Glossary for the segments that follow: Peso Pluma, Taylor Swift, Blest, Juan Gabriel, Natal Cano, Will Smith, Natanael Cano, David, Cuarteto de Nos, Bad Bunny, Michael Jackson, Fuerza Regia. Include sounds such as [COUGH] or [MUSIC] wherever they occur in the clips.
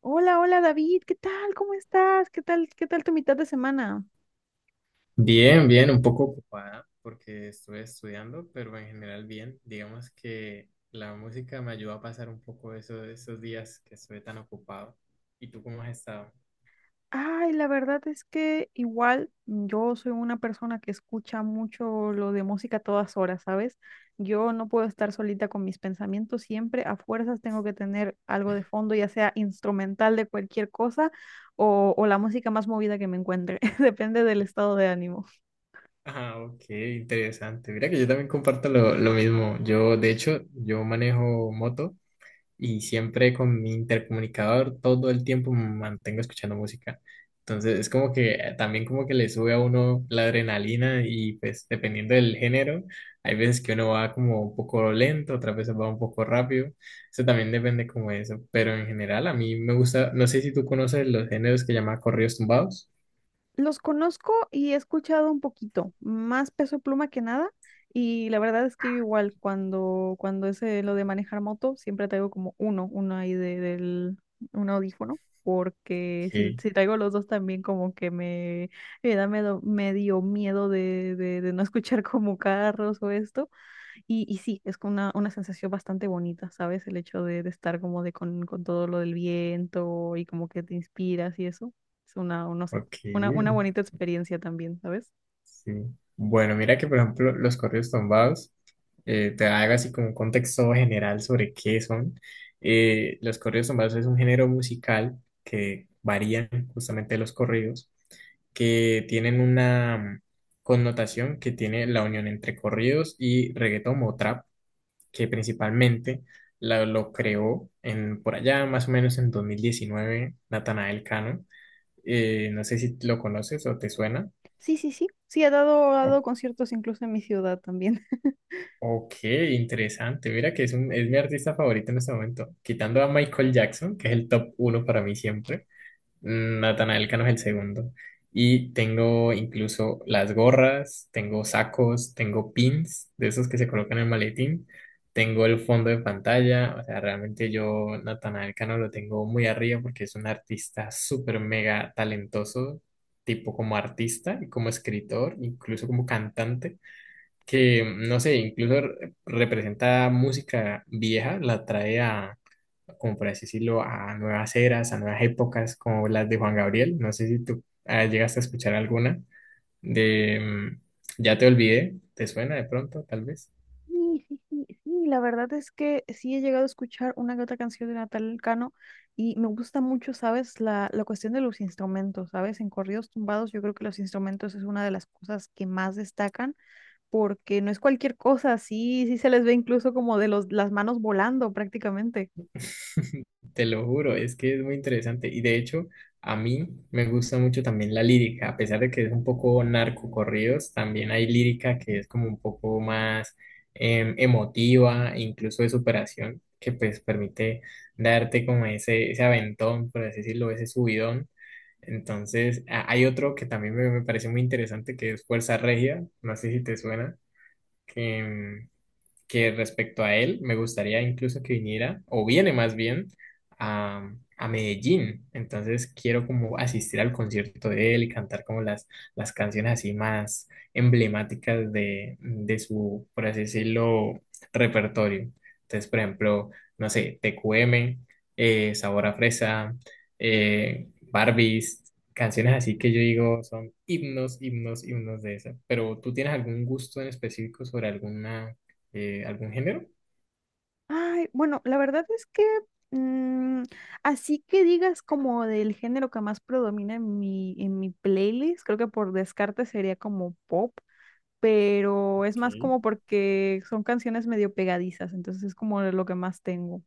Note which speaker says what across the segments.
Speaker 1: Hola, hola David, ¿qué tal? ¿Cómo estás? ¿Qué tal? ¿Qué tal tu mitad de semana?
Speaker 2: Bien, bien, un poco ocupada porque estuve estudiando, pero en general bien. Digamos que la música me ayudó a pasar un poco eso, esos días que estuve tan ocupado. ¿Y tú cómo has estado? [LAUGHS]
Speaker 1: Ay, la verdad es que igual yo soy una persona que escucha mucho lo de música a todas horas, ¿sabes? Yo no puedo estar solita con mis pensamientos, siempre a fuerzas tengo que tener algo de fondo, ya sea instrumental de cualquier cosa o la música más movida que me encuentre, [LAUGHS] depende del estado de ánimo.
Speaker 2: Ah, ok, interesante. Mira que yo también comparto lo mismo. Yo, de hecho, yo manejo moto y siempre con mi intercomunicador todo el tiempo me mantengo escuchando música. Entonces es como que también como que le sube a uno la adrenalina y pues dependiendo del género, hay veces que uno va como un poco lento, otras veces va un poco rápido. Eso también depende como de eso, pero en general a mí me gusta, no sé si tú conoces los géneros que llama corridos tumbados.
Speaker 1: Los conozco y he escuchado un poquito, más Peso Pluma que nada. Y la verdad es que yo igual cuando es lo de manejar moto, siempre traigo como uno, uno ahí del un audífono, porque si,
Speaker 2: Ok,
Speaker 1: si traigo los dos también como que me da medio, medio miedo de no [LAUGHS] escuchar como carros o esto. Y sí, es como una sensación bastante bonita, ¿sabes? El hecho de estar como de con todo lo del viento y como que te inspiras y eso. Es una, no sé,
Speaker 2: ok.
Speaker 1: una bonita experiencia también, ¿sabes?
Speaker 2: Sí. Bueno, mira que por ejemplo los corridos tumbados, te hago así como un contexto general sobre qué son. Los corridos tumbados es un género musical que varían justamente de los corridos, que tienen una connotación que tiene la unión entre corridos y reggaetón o trap, que principalmente lo creó en, por allá más o menos en 2019 Natanael Cano. No sé si lo conoces o te suena.
Speaker 1: Sí, sí, sí. Sí, he dado conciertos incluso en mi ciudad también. [LAUGHS]
Speaker 2: Ok, interesante. Mira que es, un, es mi artista favorito en este momento. Quitando a Michael Jackson, que es el top uno para mí siempre. Natanael Cano es el segundo. Y tengo incluso las gorras, tengo sacos, tengo pins de esos que se colocan en el maletín. Tengo el fondo de pantalla. O sea, realmente yo Natanael Cano lo tengo muy arriba porque es un artista súper mega talentoso, tipo como artista y como escritor, incluso como cantante que, no sé, incluso representa música vieja, la trae a, como por así decirlo, a nuevas eras, a nuevas épocas, como las de Juan Gabriel. No sé si tú llegaste a escuchar alguna de ya te olvidé, ¿te suena de pronto, tal vez?
Speaker 1: Sí, sí, sí, sí, la verdad es que sí he llegado a escuchar una que otra canción de Natal Cano y me gusta mucho, ¿sabes? La cuestión de los instrumentos, ¿sabes? En corridos tumbados yo creo que los instrumentos es una de las cosas que más destacan porque no es cualquier cosa, sí, sí se les ve incluso como de los, las manos volando prácticamente.
Speaker 2: Te lo juro, es que es muy interesante. Y de hecho, a mí me gusta mucho también la lírica, a pesar de que es un poco narcocorridos, también hay lírica que es como un poco más emotiva, incluso de superación, que pues permite darte como ese aventón, por así decirlo, ese subidón. Entonces, hay otro que también me parece muy interesante, que es Fuerza Regia, no sé si te suena, que, que respecto a él, me gustaría incluso que viniera, o viene más bien, a Medellín. Entonces quiero como asistir al concierto de él y cantar como las canciones así más emblemáticas de su, por así decirlo, repertorio. Entonces, por ejemplo, no sé, TQM, Sabor a Fresa, Barbies. Canciones así que yo digo son himnos, himnos, himnos de esa. Pero ¿tú tienes algún gusto en específico sobre alguna algún género?
Speaker 1: Ay, bueno, la verdad es que mm, así que digas como del género que más predomina en en mi playlist, creo que por descarte sería como pop, pero es más
Speaker 2: Ok,
Speaker 1: como porque son canciones medio pegadizas, entonces es como de lo que más tengo.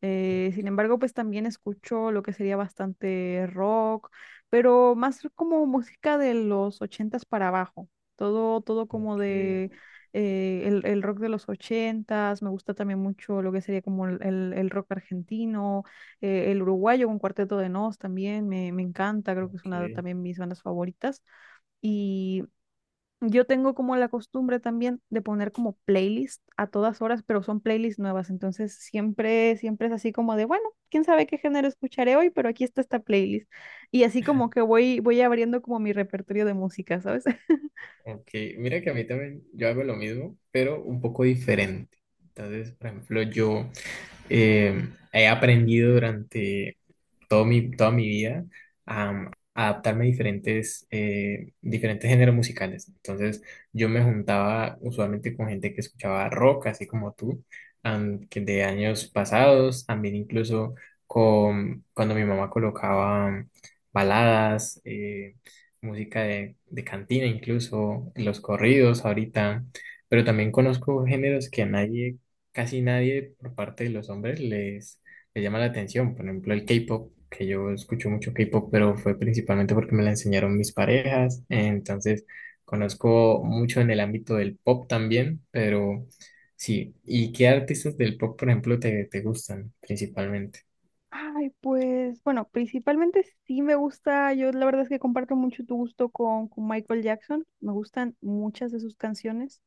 Speaker 1: Sin embargo, pues también escucho lo que sería bastante rock, pero más como música de los ochentas para abajo. Todo, todo como de
Speaker 2: ok,
Speaker 1: el rock de los ochentas. Me gusta también mucho lo que sería como el rock argentino, el uruguayo con Cuarteto de Nos también me encanta. Creo que es una de
Speaker 2: ok,
Speaker 1: también mis bandas favoritas. Y yo tengo como la costumbre también de poner como playlist a todas horas, pero son playlists nuevas, entonces siempre es así como de, bueno, quién sabe qué género escucharé hoy, pero aquí está esta playlist. Y así como que voy abriendo como mi repertorio de música, ¿sabes? [LAUGHS]
Speaker 2: ok. Mira que a mí también yo hago lo mismo, pero un poco diferente. Entonces, por ejemplo, yo he aprendido durante todo mi, toda mi vida a adaptarme a diferentes, diferentes géneros musicales. Entonces, yo me juntaba usualmente con gente que escuchaba rock, así como tú, que de años pasados, también incluso con, cuando mi mamá colocaba baladas, música de cantina, incluso los corridos ahorita. Pero también conozco géneros que a nadie casi nadie por parte de los hombres les, les llama la atención. Por ejemplo, el K-pop, que yo escucho mucho K-pop, pero fue principalmente porque me la enseñaron mis parejas. Entonces, conozco mucho en el ámbito del pop también, pero sí. ¿Y qué artistas del pop, por ejemplo, te gustan principalmente?
Speaker 1: Ay, pues, bueno, principalmente sí me gusta, yo la verdad es que comparto mucho tu gusto con Michael Jackson, me gustan muchas de sus canciones.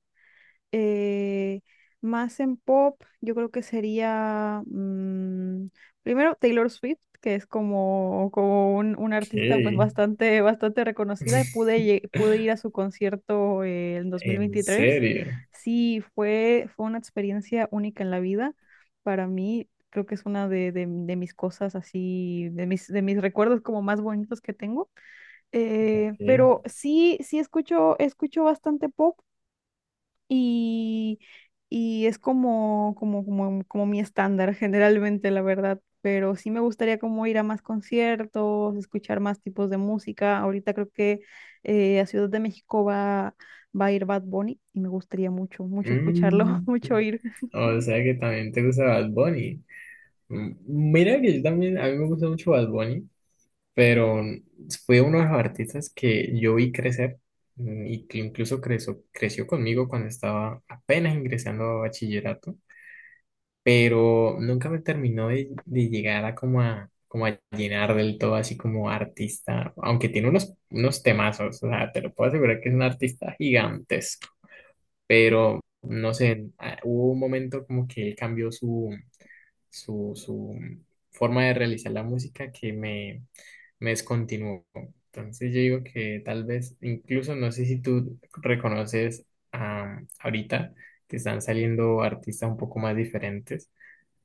Speaker 1: eh, Más en pop, yo creo que sería primero Taylor Swift, que es como, como un
Speaker 2: Ok.
Speaker 1: artista pues bastante, bastante reconocida y
Speaker 2: [LAUGHS]
Speaker 1: pude ir a su concierto en dos mil
Speaker 2: ¿En
Speaker 1: veintitrés
Speaker 2: serio?
Speaker 1: Sí, fue, fue una experiencia única en la vida para mí. Creo que es una de mis cosas así, de mis recuerdos como más bonitos que tengo.
Speaker 2: Ok.
Speaker 1: Pero sí, sí escucho, escucho bastante pop y, y es como, como, como, como mi estándar [LAUGHS] generalmente, la verdad, pero sí me gustaría como ir a más conciertos, escuchar más tipos de música. Ahorita creo que a Ciudad de México va a ir Bad Bunny y me gustaría mucho, mucho escucharlo, [LAUGHS]
Speaker 2: Mm,
Speaker 1: mucho ir.
Speaker 2: o sea que también te gusta Bad Bunny. Mm, mira que yo también, a mí me gusta mucho Bad Bunny. Pero fue uno de los artistas que yo vi crecer y que incluso creció, creció conmigo cuando estaba apenas ingresando a bachillerato, pero nunca me terminó de llegar a como a, como a llenar del todo así como artista, aunque tiene unos, unos temazos, o sea, te lo puedo asegurar que es un artista gigantesco, pero no sé, hubo un momento como que él cambió su su forma de realizar la música que me descontinuó. Entonces yo digo que tal vez, incluso no sé si tú reconoces ahorita que están saliendo artistas un poco más diferentes.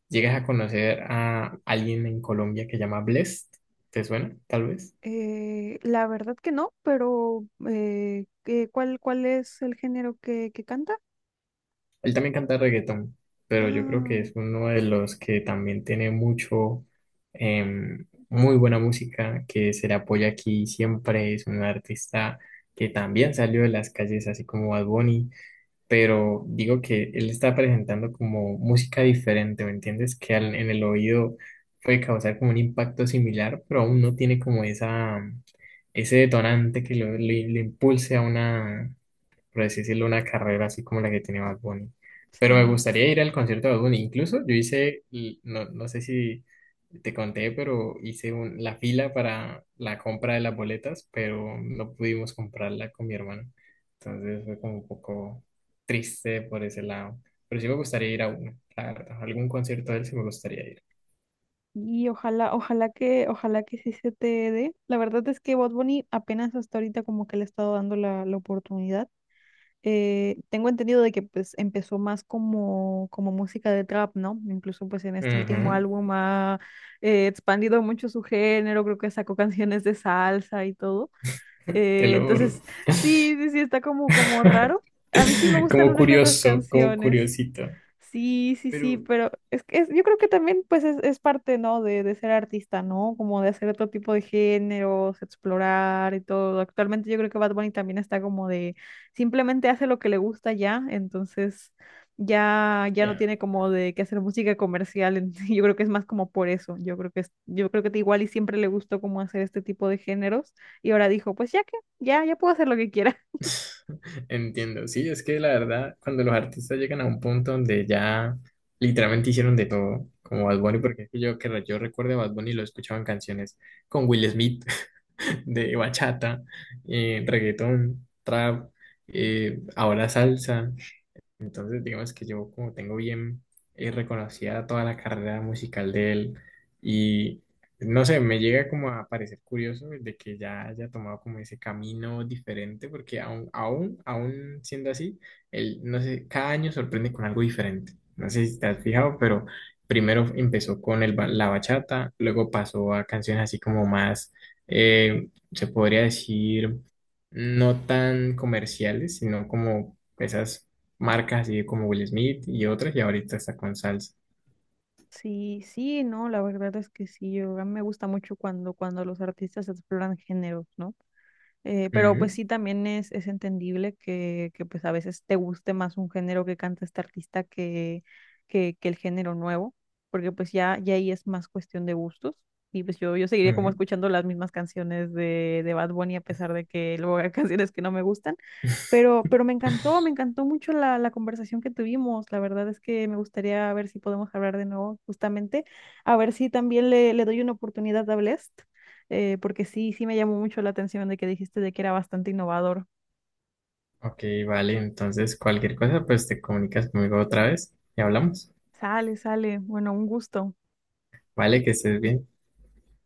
Speaker 2: ¿Llegas a conocer a alguien en Colombia que llama Blest? ¿Te suena, tal vez?
Speaker 1: La verdad que no, pero ¿ cuál es el género que canta?
Speaker 2: Él también canta reggaetón, pero yo creo que
Speaker 1: Ah,
Speaker 2: es uno de los que también tiene mucho, muy buena música, que se le apoya aquí siempre. Es un artista que también salió de las calles, así como Bad Bunny, pero digo que él está presentando como música diferente, ¿me entiendes? Que en el oído puede causar como un impacto similar, pero aún no tiene como esa, ese detonante que lo, lo impulse a una por así decirlo, una carrera así como la que tiene Bad Bunny. Pero me
Speaker 1: sí.
Speaker 2: gustaría ir al concierto de Bad Bunny. Incluso yo hice, y no, no sé si te conté, pero hice la fila para la compra de las boletas, pero no pudimos comprarla con mi hermano. Entonces fue como un poco triste por ese lado. Pero sí me gustaría ir a uno, la verdad. A algún concierto de él sí me gustaría ir.
Speaker 1: Y ojalá, ojalá que sí se te dé. La verdad es que Bad Bunny apenas hasta ahorita como que le he estado dando la oportunidad. Tengo entendido de que pues empezó más como, como música de trap, ¿no? Incluso pues en este último
Speaker 2: Ujú,
Speaker 1: álbum ha expandido mucho su género, creo que sacó canciones de salsa y todo.
Speaker 2: te lo juro.
Speaker 1: Entonces, sí, sí, sí, está como, como
Speaker 2: [LAUGHS]
Speaker 1: raro. A mí sí me gustan
Speaker 2: Como
Speaker 1: una que otras
Speaker 2: curioso, como
Speaker 1: canciones.
Speaker 2: curiosito.
Speaker 1: Sí, sí, sí,
Speaker 2: Pero
Speaker 1: pero es que yo creo que también pues es parte, ¿no? De ser artista, ¿no? Como de hacer otro tipo de géneros, explorar y todo. Actualmente yo creo que Bad Bunny también está como de simplemente hace lo que le gusta ya, entonces ya ya no
Speaker 2: ya.
Speaker 1: tiene como de que hacer música comercial. [LAUGHS] Yo creo que es más como por eso. Yo creo que es, yo creo que igual y siempre le gustó como hacer este tipo de géneros y ahora dijo, pues ya que ya ya puedo hacer lo que quiera.
Speaker 2: [LAUGHS] Entiendo, sí, es que la verdad, cuando los artistas llegan a un punto donde ya literalmente hicieron de todo, como Bad Bunny, porque es que yo que yo recuerdo a Bad Bunny lo escuchaba en canciones con Will Smith, [LAUGHS] de bachata, reggaetón, trap, ahora salsa. Entonces, digamos que yo como tengo bien reconocida toda la carrera musical de él y no sé, me llega como a parecer curioso de que ya haya tomado como ese camino diferente, porque aún, aún, aún siendo así, él, no sé, cada año sorprende con algo diferente. No sé si te has fijado, pero primero empezó con el, la bachata, luego pasó a canciones así como más, se podría decir no tan comerciales, sino como esas marcas así como Will Smith y otras, y ahorita está con salsa.
Speaker 1: Sí, sí, no, la verdad es que sí, yo, a mí me gusta mucho cuando los artistas exploran géneros, ¿no? Pero pues
Speaker 2: Ujú,
Speaker 1: sí, también es entendible que pues a veces te guste más un género que canta este artista que el género nuevo, porque pues ya, ya ahí es más cuestión de gustos. Y pues yo seguiría como
Speaker 2: ujú.
Speaker 1: escuchando las mismas canciones de Bad Bunny a pesar de que luego hay [LAUGHS] canciones que no me gustan
Speaker 2: [LAUGHS]
Speaker 1: pero me encantó mucho la conversación que tuvimos. La verdad es que me gustaría ver si podemos hablar de nuevo, justamente, a ver si también le doy una oportunidad a Blest, porque sí, sí me llamó mucho la atención de que dijiste de que era bastante innovador.
Speaker 2: Ok, vale, entonces cualquier cosa, pues te comunicas conmigo otra vez y hablamos.
Speaker 1: Sale, sale. Bueno, un gusto.
Speaker 2: Vale, que estés bien.